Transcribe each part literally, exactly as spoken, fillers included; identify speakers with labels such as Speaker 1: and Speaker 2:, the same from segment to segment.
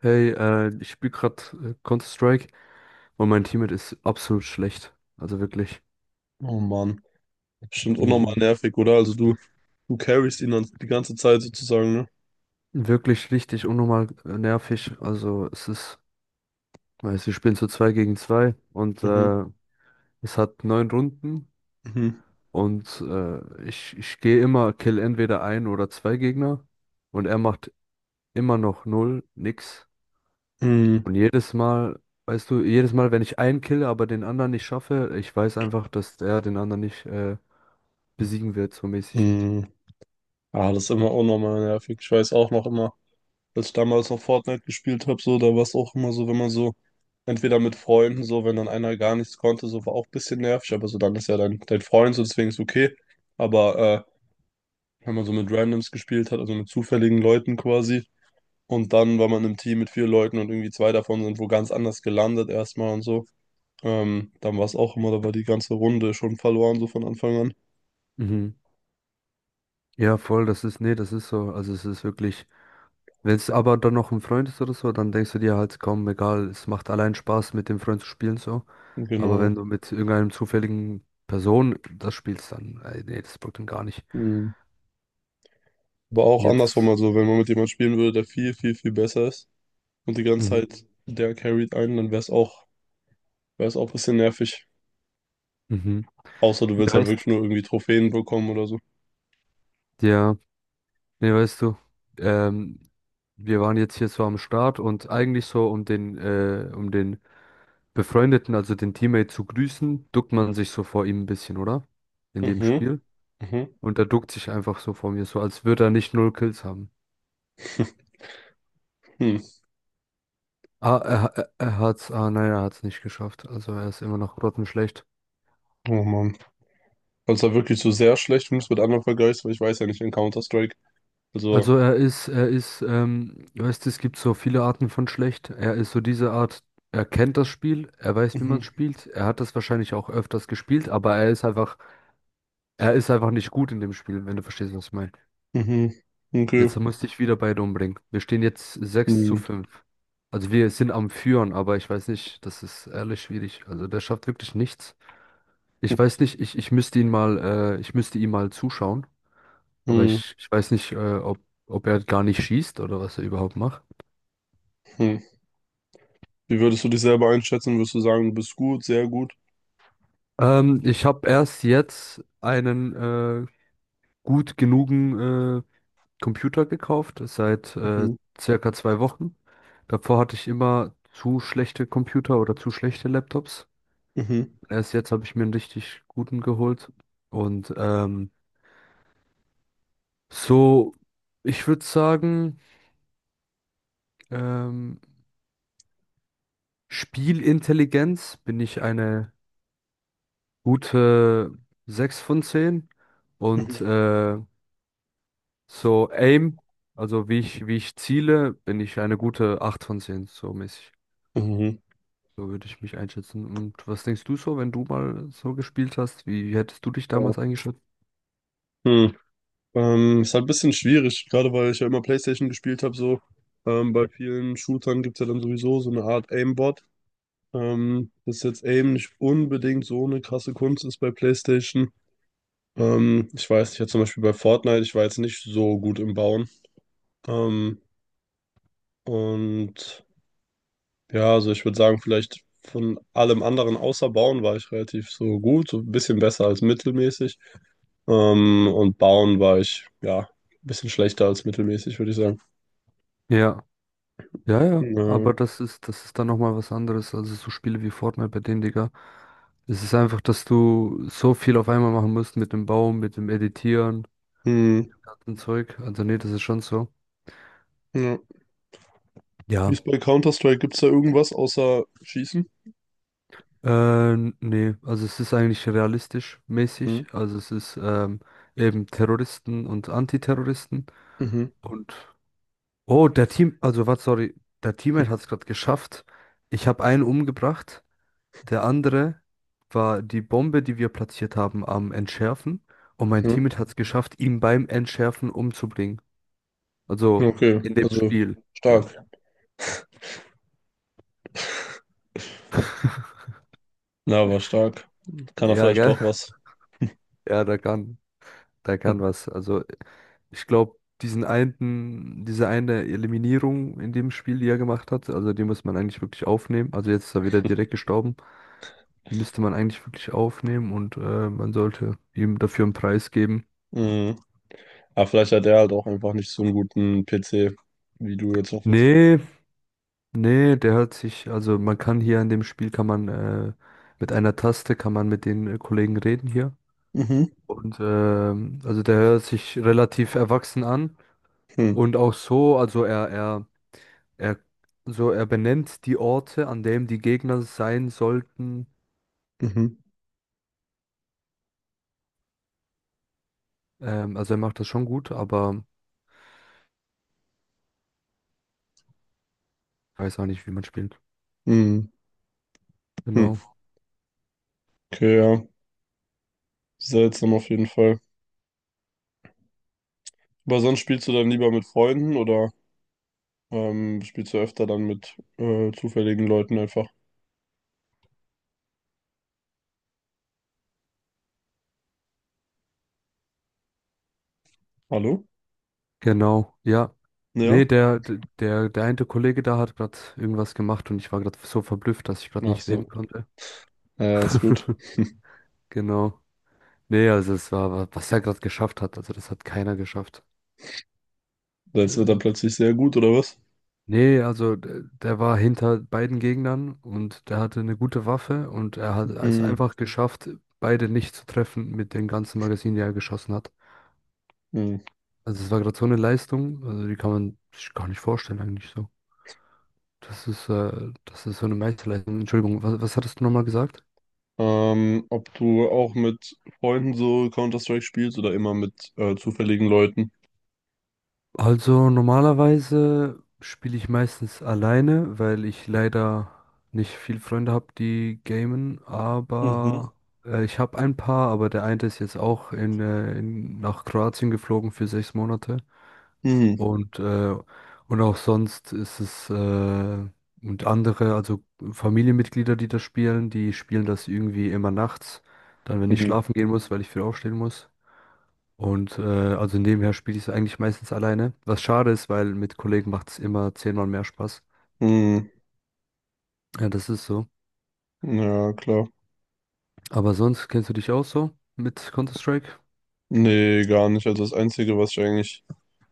Speaker 1: Hey, äh, ich spiele gerade äh, Counter-Strike und mein Teammate ist absolut schlecht. Also wirklich,
Speaker 2: Oh Mann. Bestimmt unnormal
Speaker 1: mhm.
Speaker 2: nervig, oder? Also du, du carryst ihn dann die ganze Zeit sozusagen, ne?
Speaker 1: Wirklich richtig unnormal äh, nervig. Also es ist, weiß, wir spielen zu zwei gegen zwei und
Speaker 2: Mhm,
Speaker 1: äh, es hat neun Runden
Speaker 2: mhm,
Speaker 1: und äh, ich, ich gehe immer, kill entweder ein oder zwei Gegner und er macht immer noch null, nix.
Speaker 2: mhm,
Speaker 1: Und jedes Mal, weißt du, jedes Mal, wenn ich einen kille, aber den anderen nicht schaffe, ich weiß einfach, dass er den anderen nicht äh, besiegen wird, so mäßig.
Speaker 2: mhm. Ah, das ist immer unnormal nervig. Ich weiß auch noch immer, als ich damals noch Fortnite gespielt habe, so, da war es auch immer so, wenn man so, entweder mit Freunden, so, wenn dann einer gar nichts konnte, so war auch ein bisschen nervig, aber so dann ist ja dein, dein Freund, so deswegen ist okay. Aber äh, wenn man so mit Randoms gespielt hat, also mit zufälligen Leuten quasi, und dann war man im Team mit vier Leuten und irgendwie zwei davon sind wo ganz anders gelandet erstmal und so. Ähm, dann war es auch immer, da war die ganze Runde schon verloren, so von Anfang an.
Speaker 1: Mhm. Ja, voll, das ist, nee, das ist so. Also es ist wirklich, wenn es aber dann noch ein Freund ist oder so, dann denkst du dir halt, komm, egal, es macht allein Spaß, mit dem Freund zu spielen so. Aber wenn
Speaker 2: Genau.
Speaker 1: du mit irgendeinem zufälligen Person das spielst, dann, ey, nee, das bockt dann gar nicht.
Speaker 2: Mhm. Aber auch andersrum,
Speaker 1: Jetzt,
Speaker 2: also wenn man mit jemandem spielen würde, der viel, viel, viel besser ist und die ganze Zeit
Speaker 1: mhm,
Speaker 2: der carried einen, dann wäre es auch, wäre es auch ein bisschen nervig.
Speaker 1: mhm.
Speaker 2: Außer du willst
Speaker 1: Ja,
Speaker 2: halt
Speaker 1: weißt,
Speaker 2: wirklich nur irgendwie Trophäen bekommen oder so.
Speaker 1: ja, nee, weißt du, ähm, wir waren jetzt hier so am Start und eigentlich so, um den, äh, um den Befreundeten, also den Teammate zu grüßen, duckt man sich so vor ihm ein bisschen, oder? In dem
Speaker 2: Mhm,
Speaker 1: Spiel.
Speaker 2: mhm.
Speaker 1: Und er duckt sich einfach so vor mir, so als würde er nicht null Kills haben.
Speaker 2: Hm.
Speaker 1: Ah, er, er, er hat's, ah nein, er hat's nicht geschafft. Also er ist immer noch grottenschlecht.
Speaker 2: Oh Mann. Also da wirklich so sehr schlecht, wenn du es mit anderen vergleichst, weil ich weiß ja nicht in Counter-Strike. Also.
Speaker 1: Also er ist, er ist, ähm, du weißt, es gibt so viele Arten von schlecht. Er ist so diese Art, er kennt das Spiel, er weiß, wie man
Speaker 2: Mhm,
Speaker 1: es spielt. Er hat das wahrscheinlich auch öfters gespielt, aber er ist einfach, er ist einfach nicht gut in dem Spiel, wenn du verstehst, was ich meine.
Speaker 2: mhm. Okay.
Speaker 1: Jetzt musste ich wieder beide umbringen. Wir stehen jetzt sechs zu
Speaker 2: Hm,
Speaker 1: fünf. Also wir sind am Führen, aber ich weiß nicht, das ist ehrlich schwierig. Also der schafft wirklich nichts. Ich
Speaker 2: hm,
Speaker 1: weiß nicht, ich, ich müsste ihn mal, äh, ich müsste ihm mal zuschauen, aber
Speaker 2: hm.
Speaker 1: ich, ich weiß nicht, äh, ob, ob er gar nicht schießt oder was er überhaupt macht.
Speaker 2: Hm. Wie würdest du dich selber einschätzen? Würdest du sagen, du bist gut, sehr gut?
Speaker 1: Ähm, ich habe erst jetzt einen äh, gut genugen äh, Computer gekauft, seit äh,
Speaker 2: Mhm.
Speaker 1: circa zwei Wochen. Davor hatte ich immer zu schlechte Computer oder zu schlechte Laptops.
Speaker 2: Mhm.
Speaker 1: Erst jetzt habe ich mir einen richtig guten geholt. Und ähm, so, ich würde sagen, ähm, Spielintelligenz bin ich eine gute sechs von zehn und
Speaker 2: Mhm.
Speaker 1: äh, so Aim, also wie ich, wie ich ziele, bin ich eine gute acht von zehn so mäßig.
Speaker 2: Mhm.
Speaker 1: So würde ich mich einschätzen. Und was denkst du so, wenn du mal so gespielt hast? Wie hättest du dich
Speaker 2: Ja.
Speaker 1: damals eingeschätzt?
Speaker 2: Hm. Ähm, ist halt ein bisschen schwierig, gerade weil ich ja immer PlayStation gespielt habe, so. Ähm, bei vielen Shootern gibt es ja dann sowieso so eine Art Aimbot. Ähm, dass jetzt Aim nicht unbedingt so eine krasse Kunst ist bei PlayStation. Ähm, ich weiß nicht, ja, zum Beispiel bei Fortnite, ich war jetzt nicht so gut im Bauen. Ähm, und ja, also ich würde sagen, vielleicht von allem anderen außer Bauen war ich relativ so gut, so ein bisschen besser als mittelmäßig. Ähm, und Bauen war ich, ja, ein bisschen schlechter als mittelmäßig, würde ich sagen.
Speaker 1: Ja, ja, ja,
Speaker 2: Äh,
Speaker 1: aber das ist, das ist dann nochmal was anderes. Also so Spiele wie Fortnite bei denen, Digga. Es ist einfach, dass du so viel auf einmal machen musst mit dem Baum, mit dem Editieren.
Speaker 2: hm,
Speaker 1: Kartenzeug, also nee, das ist schon so.
Speaker 2: ja. Wie
Speaker 1: Ja.
Speaker 2: ist bei Counter-Strike? Gibt es da irgendwas außer Schießen?
Speaker 1: Äh, nee, also es ist eigentlich realistisch
Speaker 2: Hm.
Speaker 1: mäßig. Also es ist ähm, eben Terroristen und Antiterroristen.
Speaker 2: Mhm,
Speaker 1: Und oh, der Team, also was, sorry, der Teammate hat es gerade geschafft. Ich habe einen umgebracht. Der andere war die Bombe, die wir platziert haben, am Entschärfen. Und mein
Speaker 2: mhm.
Speaker 1: Teammate hat es geschafft, ihn beim Entschärfen umzubringen. Also
Speaker 2: Okay,
Speaker 1: in dem
Speaker 2: also
Speaker 1: Spiel. Ja.
Speaker 2: stark. Na, war stark. Kann er
Speaker 1: Ja,
Speaker 2: vielleicht
Speaker 1: gell?
Speaker 2: doch was.
Speaker 1: Ja, da kann, da kann was. Also ich glaube, diesen einen, diese eine Eliminierung in dem Spiel, die er gemacht hat, also die muss man eigentlich wirklich aufnehmen. Also jetzt ist er wieder direkt gestorben. Die müsste man eigentlich wirklich aufnehmen und äh, man sollte ihm dafür einen Preis geben.
Speaker 2: Mhm. Aber vielleicht hat er halt auch einfach nicht so einen guten P C, wie du jetzt auch verzeihst.
Speaker 1: Nee, nee, der hat sich, also man kann hier in dem Spiel, kann man äh, mit einer Taste, kann man mit den äh, Kollegen reden hier.
Speaker 2: Mhm.
Speaker 1: Und ähm, also der hört sich relativ erwachsen an.
Speaker 2: Hm.
Speaker 1: Und auch so, also er, er Er, so, er benennt die Orte, an denen die Gegner sein sollten.
Speaker 2: Mhm.
Speaker 1: Ähm, also er macht das schon gut, aber weiß auch nicht, wie man spielt.
Speaker 2: Mhm. Hm.
Speaker 1: Genau,
Speaker 2: Okay, ja. Seltsam auf jeden Fall. Aber sonst spielst du dann lieber mit Freunden oder? Ähm, spielst du öfter dann mit äh, zufälligen Leuten einfach? Hallo?
Speaker 1: genau, ja. Nee,
Speaker 2: Ja?
Speaker 1: der, der, der der eine Kollege da hat gerade irgendwas gemacht und ich war gerade so verblüfft, dass ich gerade
Speaker 2: Ach
Speaker 1: nicht reden
Speaker 2: so.
Speaker 1: konnte.
Speaker 2: Ja, ist gut.
Speaker 1: Genau. Nee, also es war, wa- was er gerade geschafft hat, also das hat keiner geschafft.
Speaker 2: Jetzt wird er
Speaker 1: Äh,
Speaker 2: plötzlich sehr gut, oder was?
Speaker 1: Nee, also d- der war hinter beiden Gegnern und der hatte eine gute Waffe und er hat es
Speaker 2: Hm,
Speaker 1: einfach geschafft, beide nicht zu treffen mit den ganzen Magazinen, die er geschossen hat.
Speaker 2: hm.
Speaker 1: Also es war gerade so eine Leistung, also die kann man sich gar nicht vorstellen eigentlich so. Das ist, äh, das ist so eine Meisterleistung. Entschuldigung, was, was hattest du nochmal gesagt?
Speaker 2: Ähm, ob du auch mit Freunden so Counter-Strike spielst oder immer mit äh, zufälligen Leuten?
Speaker 1: Also normalerweise spiele ich meistens alleine, weil ich leider nicht viel Freunde habe, die gamen,
Speaker 2: Mhm.
Speaker 1: aber äh, ich habe ein paar, aber der eine ist jetzt auch in, äh, in, nach Kroatien geflogen für sechs Monate
Speaker 2: Mhm.
Speaker 1: und, äh, und auch sonst ist es äh, und andere, also Familienmitglieder, die das spielen, die spielen das irgendwie immer nachts, dann wenn ich
Speaker 2: Mhm.
Speaker 1: schlafen gehen muss, weil ich früh aufstehen muss. Und äh, also nebenher spiele ich es eigentlich meistens alleine. Was schade ist, weil mit Kollegen macht es immer zehnmal mehr Spaß.
Speaker 2: Mhm.
Speaker 1: Ja, das ist so.
Speaker 2: Ja, klar.
Speaker 1: Aber sonst kennst du dich auch so mit Counter-Strike?
Speaker 2: Nee, gar nicht. Also das Einzige, was ich eigentlich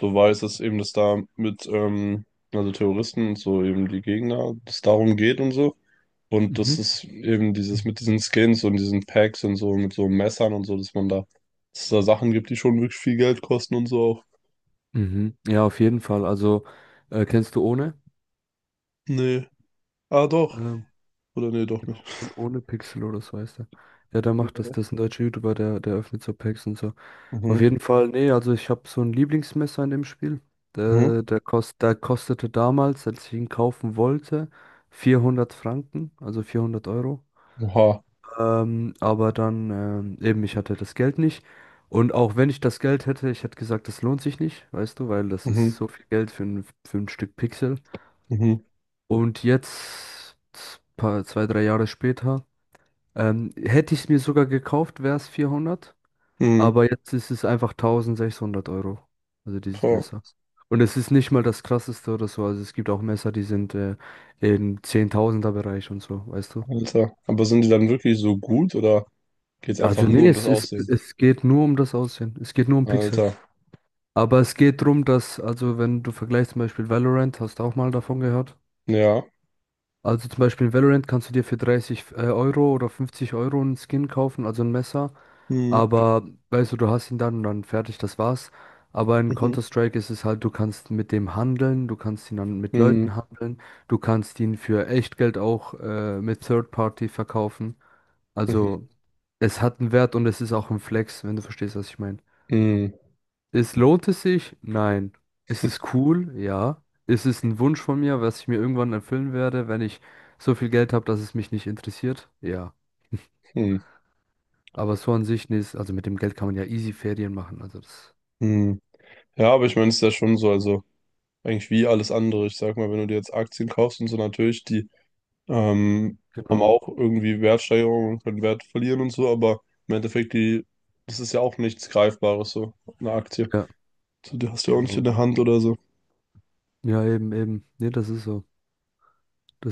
Speaker 2: so weiß, ist eben, dass da mit, ähm, also Terroristen und so eben die Gegner, dass es darum geht und so. Und das
Speaker 1: Mhm.
Speaker 2: ist eben dieses mit diesen Skins und diesen Packs und so, mit so Messern und so, dass man da, dass es da Sachen gibt, die schon wirklich viel Geld kosten und so auch.
Speaker 1: Mhm. Ja, auf jeden Fall. Also äh, kennst du ohne?
Speaker 2: Nee. Ah, doch.
Speaker 1: Ähm,
Speaker 2: Oder nee, doch nicht.
Speaker 1: genau, ohne, ohne Pixel oder so heißt er. Ja, der macht das.
Speaker 2: Nee.
Speaker 1: Das ist ein deutscher YouTuber, der, der öffnet so Packs und so. Auf
Speaker 2: Mhm.
Speaker 1: jeden Fall, nee, also ich habe so ein Lieblingsmesser in dem Spiel.
Speaker 2: Mhm.
Speaker 1: Der, der, kost, der kostete damals, als ich ihn kaufen wollte, vierhundert Franken, also vierhundert Euro.
Speaker 2: Oha.
Speaker 1: Ähm, aber dann ähm, eben, ich hatte das Geld nicht. Und auch wenn ich das Geld hätte, ich hätte gesagt, das lohnt sich nicht, weißt du, weil das ist
Speaker 2: Mhm.
Speaker 1: so viel Geld für ein, für ein Stück Pixel.
Speaker 2: Mhm.
Speaker 1: Und jetzt, paar, zwei, drei Jahre später, ähm, hätte ich es mir sogar gekauft, wäre es vierhundert.
Speaker 2: Mhm.
Speaker 1: Aber jetzt ist es einfach tausendsechshundert Euro. Also dieses
Speaker 2: Boah,
Speaker 1: Messer. Und es ist nicht mal das krasseste oder so. Also es gibt auch Messer, die sind äh, im Zehntausender Bereich und so, weißt du?
Speaker 2: Alter. Aber sind die dann wirklich so gut oder geht's
Speaker 1: Also
Speaker 2: einfach nur
Speaker 1: nee,
Speaker 2: um das
Speaker 1: es ist,
Speaker 2: Aussehen?
Speaker 1: es geht nur um das Aussehen. Es geht nur um Pixel.
Speaker 2: Alter.
Speaker 1: Aber es geht darum, dass, also wenn du vergleichst zum Beispiel Valorant, hast du auch mal davon gehört?
Speaker 2: Ja.
Speaker 1: Also zum Beispiel in Valorant kannst du dir für dreißig äh, Euro oder fünfzig Euro einen Skin kaufen, also ein Messer.
Speaker 2: Mhm.
Speaker 1: Aber weißt du, du hast ihn dann und dann fertig, das war's. Aber in
Speaker 2: Mhm.
Speaker 1: Counter-Strike ist es halt, du kannst mit dem handeln, du kannst ihn dann mit
Speaker 2: Mhm.
Speaker 1: Leuten handeln, du kannst ihn für Echtgeld auch äh, mit Third Party verkaufen. Also
Speaker 2: Mhm.
Speaker 1: es hat einen Wert und es ist auch ein Flex, wenn du verstehst, was ich meine.
Speaker 2: Mhm.
Speaker 1: Es lohnt es sich? Nein. Ist es cool? Ja. Ist es ein Wunsch von mir, was ich mir irgendwann erfüllen werde, wenn ich so viel Geld habe, dass es mich nicht interessiert? Ja.
Speaker 2: Mhm.
Speaker 1: Aber so an sich, nee, ist- also mit dem Geld kann man ja easy Ferien machen. Also das,
Speaker 2: Mhm. Ja, aber ich meine, es ist ja schon so, also eigentlich wie alles andere. Ich sag mal, wenn du dir jetzt Aktien kaufst und so, natürlich, die Ähm, haben
Speaker 1: genau.
Speaker 2: auch irgendwie Wertsteigerungen und können Wert verlieren und so, aber im Endeffekt, die, das ist ja auch nichts Greifbares, so eine Aktie.
Speaker 1: Ja,
Speaker 2: So, die hast du ja auch nicht in
Speaker 1: genau.
Speaker 2: der Hand oder so.
Speaker 1: Ja, eben, eben. Nee, das ist so.